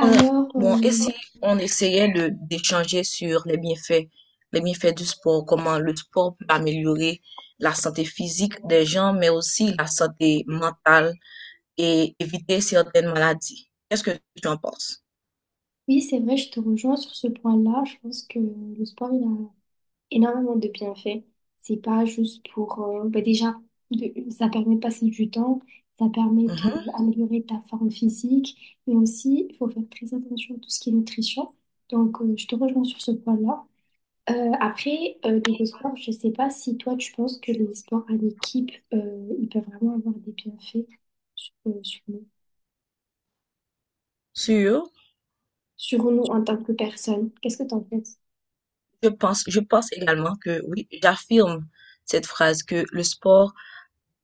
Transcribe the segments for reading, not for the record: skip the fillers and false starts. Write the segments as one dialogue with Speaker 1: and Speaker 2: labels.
Speaker 1: On a- bon, et
Speaker 2: euh,
Speaker 1: si on essayait de d'échanger sur les bienfaits du sport, comment le sport peut améliorer la santé physique des gens, mais aussi la santé mentale et éviter certaines maladies. Qu'est-ce que tu en penses?
Speaker 2: oui, c'est vrai, je te rejoins sur ce point-là. Je pense que le sport, il a énormément de bienfaits. C'est pas juste pour... bah déjà, ça permet de passer du temps, ça permet
Speaker 1: Mhm.
Speaker 2: d'améliorer ta forme physique, mais aussi, il faut faire très attention à tout ce qui est nutrition. Donc, je te rejoins sur ce point-là. Niveau sport, je sais pas si toi, tu penses que les sports en équipe, ils peuvent vraiment avoir des bienfaits sur, euh, sur nous,
Speaker 1: Sûr,
Speaker 2: sur nous en tant que personne. Qu'est-ce que t'en penses?
Speaker 1: je pense également que oui, j'affirme cette phrase que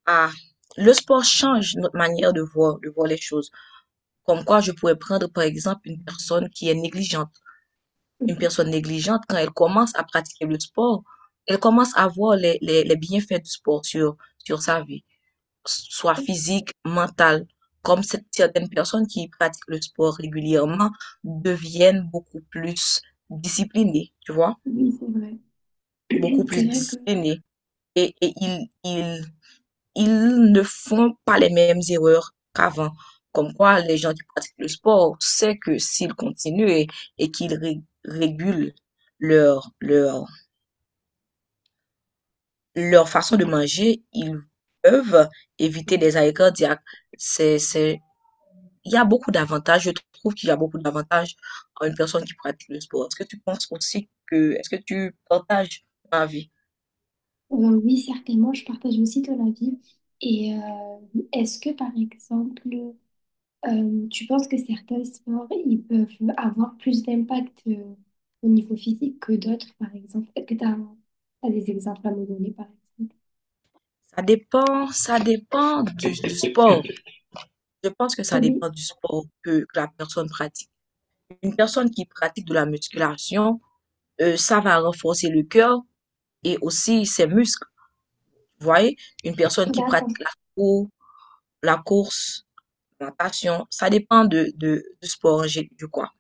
Speaker 1: a, le sport change notre manière de voir les choses. Comme quoi, je pourrais prendre par exemple une
Speaker 2: Mhm.
Speaker 1: personne négligente, quand elle commence à pratiquer le sport, elle commence à voir les bienfaits du sport sur sa vie, soit physique, mentale. Certaines personnes qui pratiquent le sport régulièrement deviennent beaucoup plus disciplinées, tu vois,
Speaker 2: Oui, c'est vrai.
Speaker 1: beaucoup plus,
Speaker 2: C'est
Speaker 1: oui,
Speaker 2: vrai que,
Speaker 1: disciplinées. Et, ils ne font pas les mêmes erreurs qu'avant. Comme quoi, les gens qui pratiquent le sport savent que et qu'ils régulent leur leur façon de manger, ils peuvent éviter des arrêts cardiaques. C'est, c'est, il y a beaucoup d'avantages. Je trouve qu'il y a beaucoup d'avantages à une personne qui pratique le sport. Est-ce que tu partages ma vie?
Speaker 2: oui, certainement, je partage aussi ton avis. Et euh, Est-ce que, par exemple, tu penses que certains sports, ils peuvent avoir plus d'impact au niveau physique que d'autres, par exemple? Est-ce que tu as des exemples à me donner, par exemple?
Speaker 1: Ça dépend du sport. Je pense que ça
Speaker 2: Oui,
Speaker 1: dépend du sport que la personne pratique. Une personne qui pratique de la musculation, ça va renforcer le cœur et aussi ses muscles. Vous voyez, une personne qui
Speaker 2: d'accord,
Speaker 1: pratique la course. La passion, ça dépend du sport, du quoi.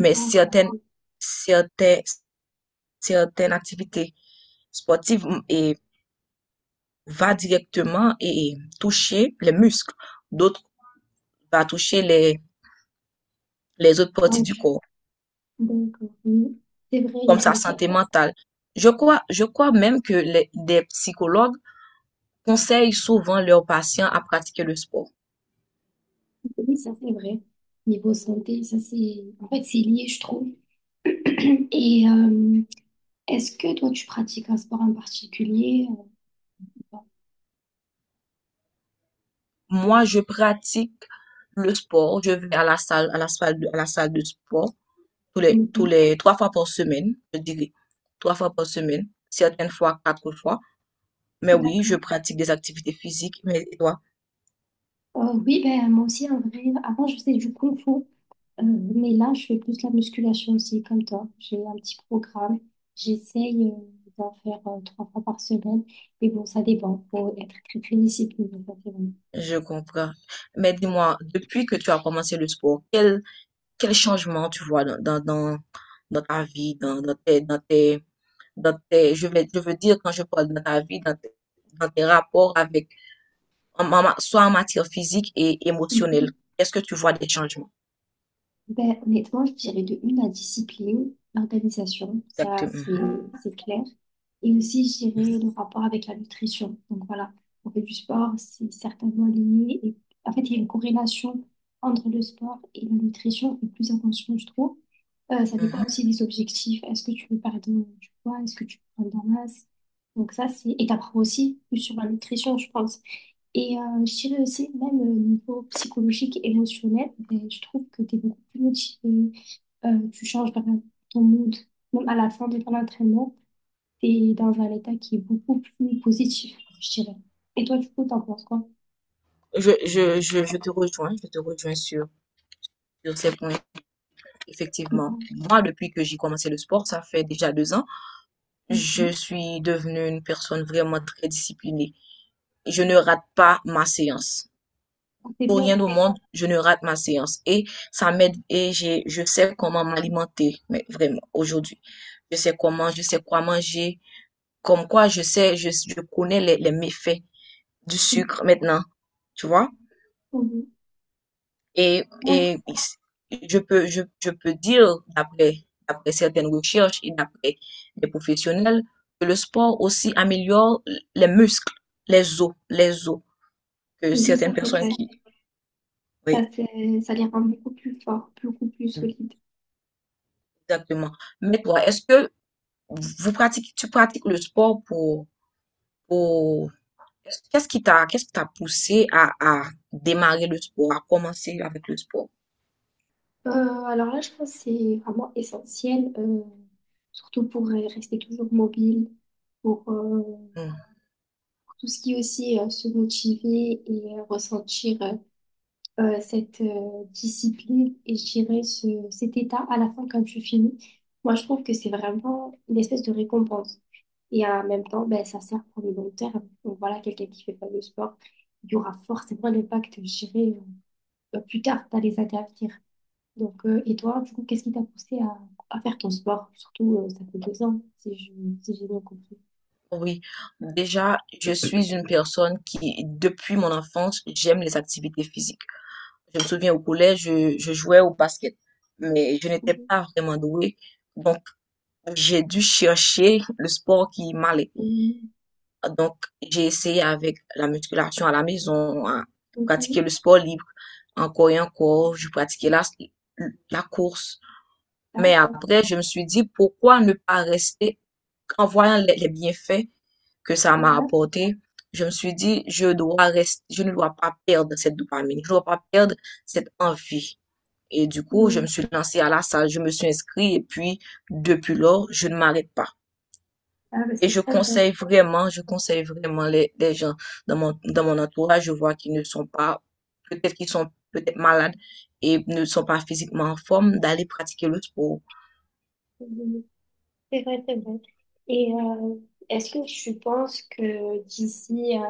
Speaker 1: Mais
Speaker 2: oui.
Speaker 1: certaines, certaines activités sportives va directement et toucher les muscles. D'autres va toucher les autres parties
Speaker 2: Donc,
Speaker 1: du
Speaker 2: je-
Speaker 1: corps,
Speaker 2: d'accord, oui. C'est vrai, il y a
Speaker 1: comme
Speaker 2: par
Speaker 1: sa santé
Speaker 2: exemple,
Speaker 1: mentale. Je crois même que des psychologues conseillent souvent leurs patients à pratiquer le sport.
Speaker 2: oui, ça c'est vrai. Niveau santé, ça c'est, en fait, c'est lié, je trouve. Et euh, Est-ce que toi, tu pratiques un sport en particulier? euh,
Speaker 1: Moi, je pratique le sport. Je vais à la salle, à la salle de sport tous
Speaker 2: Mhm.
Speaker 1: les 3 fois par semaine, je dirais. 3 fois par semaine, certaines fois 4 fois. Mais oui, je
Speaker 2: D'accord.
Speaker 1: pratique des activités physiques. Mais et toi?
Speaker 2: Oui, ben, moi aussi, en vrai, avant, je faisais du kung fu, euh, mais là, je fais plus la musculation aussi, comme toi. J'ai un petit programme. J'essaye d'en faire 3 fois par semaine, mais bon, ça dépend. Faut être très, très discipliné, ça, c'est
Speaker 1: Je comprends. Mais dis-moi, depuis que tu as commencé le sport, quel changement tu vois dans ta vie, je vais, je veux dire quand je parle dans ta vie, dans tes rapports avec, en soit en matière physique et
Speaker 2: vrai.
Speaker 1: émotionnelle. Est-ce que tu vois des changements?
Speaker 2: Ben, honnêtement, je dirais de une la discipline, l'organisation, ça
Speaker 1: Exactement.
Speaker 2: c'est clair. Et aussi, je dirais le rapport avec la nutrition. Donc voilà, on fait du sport, c'est certainement lié. Et en fait, il y a une corrélation entre le sport et la nutrition. Et plus attention, je trouve. Ça dépend aussi
Speaker 1: Mhm.
Speaker 2: des objectifs. Est-ce que tu veux perdre du poids? Est-ce que tu veux prendre de la masse? Donc ça, c'est... Et t'apprends aussi plus sur la nutrition, je pense. Je dirais aussi, même au niveau psychologique, émotionnel, ben, je trouve que tu es beaucoup plus motivé, tu changes vraiment ton mood. Même à la fin de ton entraînement, tu es dans un état qui est beaucoup plus positif, je dirais. Et toi, du coup, t'en penses quoi?
Speaker 1: Je te rejoins sur ces points. Effectivement,
Speaker 2: Mhm.
Speaker 1: moi, depuis que j'ai commencé le sport, ça fait déjà 2 ans, je
Speaker 2: Mhm.
Speaker 1: suis devenue une personne vraiment très disciplinée. Je ne rate pas ma séance.
Speaker 2: Ah, c'est
Speaker 1: Pour
Speaker 2: bien
Speaker 1: rien
Speaker 2: ça.
Speaker 1: au monde, je ne rate ma séance. Et ça m'aide et je sais comment m'alimenter, mais vraiment, aujourd'hui. Je sais quoi manger. Comme quoi, je connais les méfaits du sucre maintenant, tu vois?
Speaker 2: Oui, d'accord.
Speaker 1: Et je peux dire, d'après, d'après certaines recherches et d'après des professionnels, que le sport aussi améliore les muscles, les os, que
Speaker 2: Oui, ça
Speaker 1: certaines
Speaker 2: c'est
Speaker 1: personnes
Speaker 2: vrai.
Speaker 1: qui,
Speaker 2: Ça,
Speaker 1: oui,
Speaker 2: c'est, ça les rend beaucoup plus forts, beaucoup plus solides.
Speaker 1: exactement. Mais toi, est-ce que tu pratiques le sport pour... Qu'est-ce qui qu'est-ce qui t'a poussé à démarrer le sport, à commencer avec le sport?
Speaker 2: Euh, alors là, je pense que c'est vraiment essentiel, surtout pour rester toujours mobile, pour
Speaker 1: Hmm.
Speaker 2: tout ce qui est aussi se motiver et ressentir cette discipline et je dirais ce, cet état à la fin quand tu finis. Moi, je trouve que c'est vraiment une espèce de récompense. Et en même temps, ben, ça sert pour le long terme. Donc voilà, quelqu'un qui fait pas de sport, il y aura forcément un impact, je dirais, plus tard dans les années à venir. Donc, et toi, du coup, qu'est-ce qui t'a poussé à faire ton sport? Surtout, ça fait 2 ans, si j'ai bien compris.
Speaker 1: Oui, déjà, je suis une personne qui, depuis mon enfance, j'aime les activités physiques. Je me souviens au collège, je jouais au basket, mais je n'étais
Speaker 2: Mhm.
Speaker 1: pas vraiment douée. Donc, j'ai dû chercher le sport qui m'allait.
Speaker 2: Mhm.
Speaker 1: Donc, j'ai essayé avec la musculation à la maison, à pratiquer
Speaker 2: Mhm.
Speaker 1: le sport libre, encore et encore, je pratiquais la course. Mais
Speaker 2: D'accord.
Speaker 1: après, je me suis dit, pourquoi ne pas rester, en voyant les bienfaits que ça m'a
Speaker 2: Ouais.
Speaker 1: apporté, je me suis dit, je dois rester, je ne dois pas perdre cette dopamine, je ne dois pas perdre cette envie. Et du coup, je me
Speaker 2: Mm.
Speaker 1: suis lancée à la salle, je me suis inscrite et puis, depuis lors, je ne m'arrête pas.
Speaker 2: Ah, bah,
Speaker 1: Et
Speaker 2: c'est très bien.
Speaker 1: je conseille vraiment les gens dans mon entourage. Je vois qu'ils ne sont pas, peut-être qu'ils sont peut-être malades et ne sont pas physiquement en forme d'aller pratiquer le sport.
Speaker 2: Mm. C'est vrai, c'est vrai. Et euh, Est-ce que tu penses que d'ici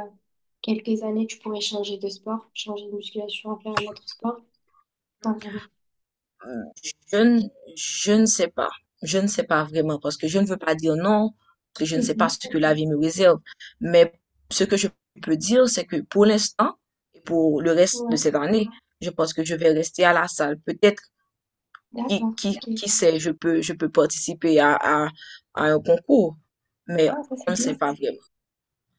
Speaker 2: quelques années, tu pourrais changer de sport, changer de musculation, faire un autre sport? Enfin, vraiment.
Speaker 1: Euh, Je ne, je ne sais pas. Je ne sais pas vraiment parce que je ne veux pas dire non, parce que je ne sais pas
Speaker 2: Mhm.
Speaker 1: ce que la vie me réserve. Mais ce que je peux dire, c'est que pour l'instant et pour le reste de
Speaker 2: Ouais,
Speaker 1: cette année, je pense que je vais rester à la salle. Peut-être,
Speaker 2: d'accord, ok.
Speaker 1: qui sait, je peux participer à un concours, mais
Speaker 2: Ah, ça,
Speaker 1: on
Speaker 2: c'est
Speaker 1: ne
Speaker 2: bien
Speaker 1: sait
Speaker 2: ça.
Speaker 1: pas vraiment.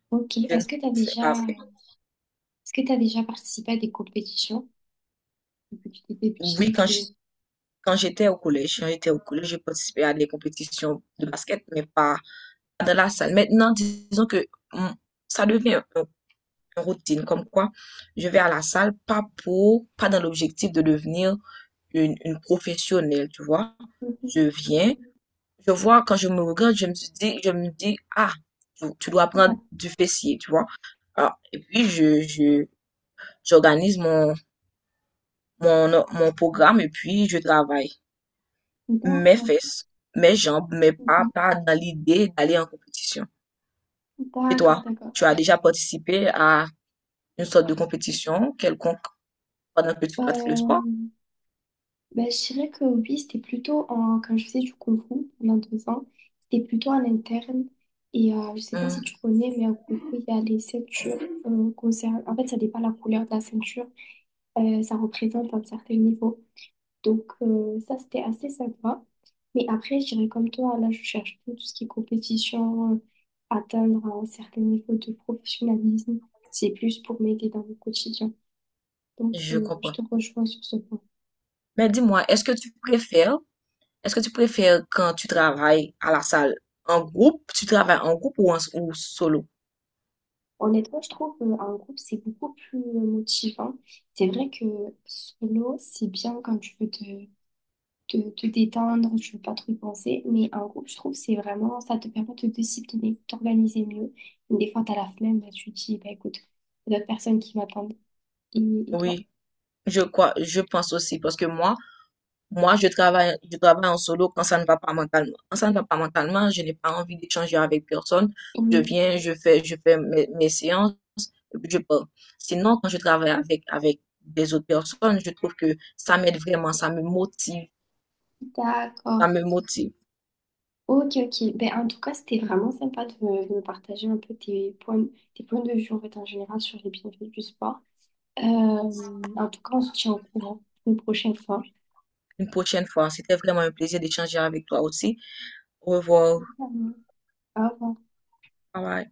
Speaker 2: Ok,
Speaker 1: Je ne
Speaker 2: est-ce que tu as
Speaker 1: sais
Speaker 2: déjà,
Speaker 1: pas vraiment.
Speaker 2: est-ce que tu déjà participé à des compétitions depuis que tu étais
Speaker 1: Oui,
Speaker 2: petite ou...
Speaker 1: quand j'étais au collège, j'ai participé à des compétitions de basket, mais pas de la salle. Maintenant, disons que mm, ça devient une routine, comme quoi je vais à la salle pas pour, pas dans l'objectif de devenir une professionnelle, tu vois. Je
Speaker 2: Mhm.
Speaker 1: viens, je vois, quand je me regarde, je me dis, ah, tu dois prendre
Speaker 2: Ouais,
Speaker 1: du fessier, tu vois. Alors, et puis, j'organise mon programme et puis je travaille mes
Speaker 2: d'accord.
Speaker 1: fesses, mes jambes, mais pas,
Speaker 2: Mhm.
Speaker 1: pas dans l'idée d'aller en compétition. Et
Speaker 2: D'accord,
Speaker 1: toi,
Speaker 2: d'accord.
Speaker 1: tu as déjà participé à une sorte de compétition quelconque pendant que tu pratiques le sport?
Speaker 2: Euh, Ben, je dirais que oui, c'était plutôt en, quand je faisais du Kung Fu pendant 2 ans, c'était plutôt en interne. Je sais pas si
Speaker 1: Hum,
Speaker 2: tu connais, mais en Kung Fu, il y a les ceintures. En fait, ça dépend de la couleur de la ceinture. Ça représente un certain niveau. Donc, ça, c'était assez sympa. Mais après, je dirais comme toi, là, je cherche plus tout ce qui est compétition, atteindre un certain niveau de professionnalisme. C'est plus pour m'aider dans mon quotidien. Donc,
Speaker 1: je
Speaker 2: je
Speaker 1: comprends.
Speaker 2: te rejoins sur ce point.
Speaker 1: Mais dis-moi, est-ce que tu préfères quand tu travailles à la salle en groupe, tu travailles en groupe ou ou solo?
Speaker 2: Honnêtement, je trouve qu'un groupe, c'est beaucoup plus motivant. C'est vrai que solo, c'est bien quand tu veux te détendre, tu veux pas trop y penser, mais un groupe, je trouve, c'est vraiment, ça te permet de te discipliner, de t'organiser mieux. Des fois, t'as la flemme, bah, tu te dis, bah, écoute, il y a d'autres personnes qui m'attendent. Et, et toi?
Speaker 1: Oui, je pense aussi parce que moi, je travaille en solo quand ça ne va pas mentalement. Quand ça ne va pas mentalement, je n'ai pas envie d'échanger avec personne. Je
Speaker 2: Mm,
Speaker 1: viens, je fais mes séances, et puis je pars. Sinon, quand je travaille avec des autres personnes, je trouve que ça m'aide vraiment, ça me motive, ça
Speaker 2: d'accord.
Speaker 1: me motive.
Speaker 2: Ok, ok. Ben, en tout cas, c'était vraiment sympa de me partager un peu tes points de vue en fait, en général sur les bienfaits du sport. Euh, En tout cas, on se tient au courant une prochaine fois.
Speaker 1: Une prochaine fois, c'était vraiment un plaisir d'échanger avec toi aussi. Au revoir.
Speaker 2: Évidemment. Au revoir.
Speaker 1: Bye bye.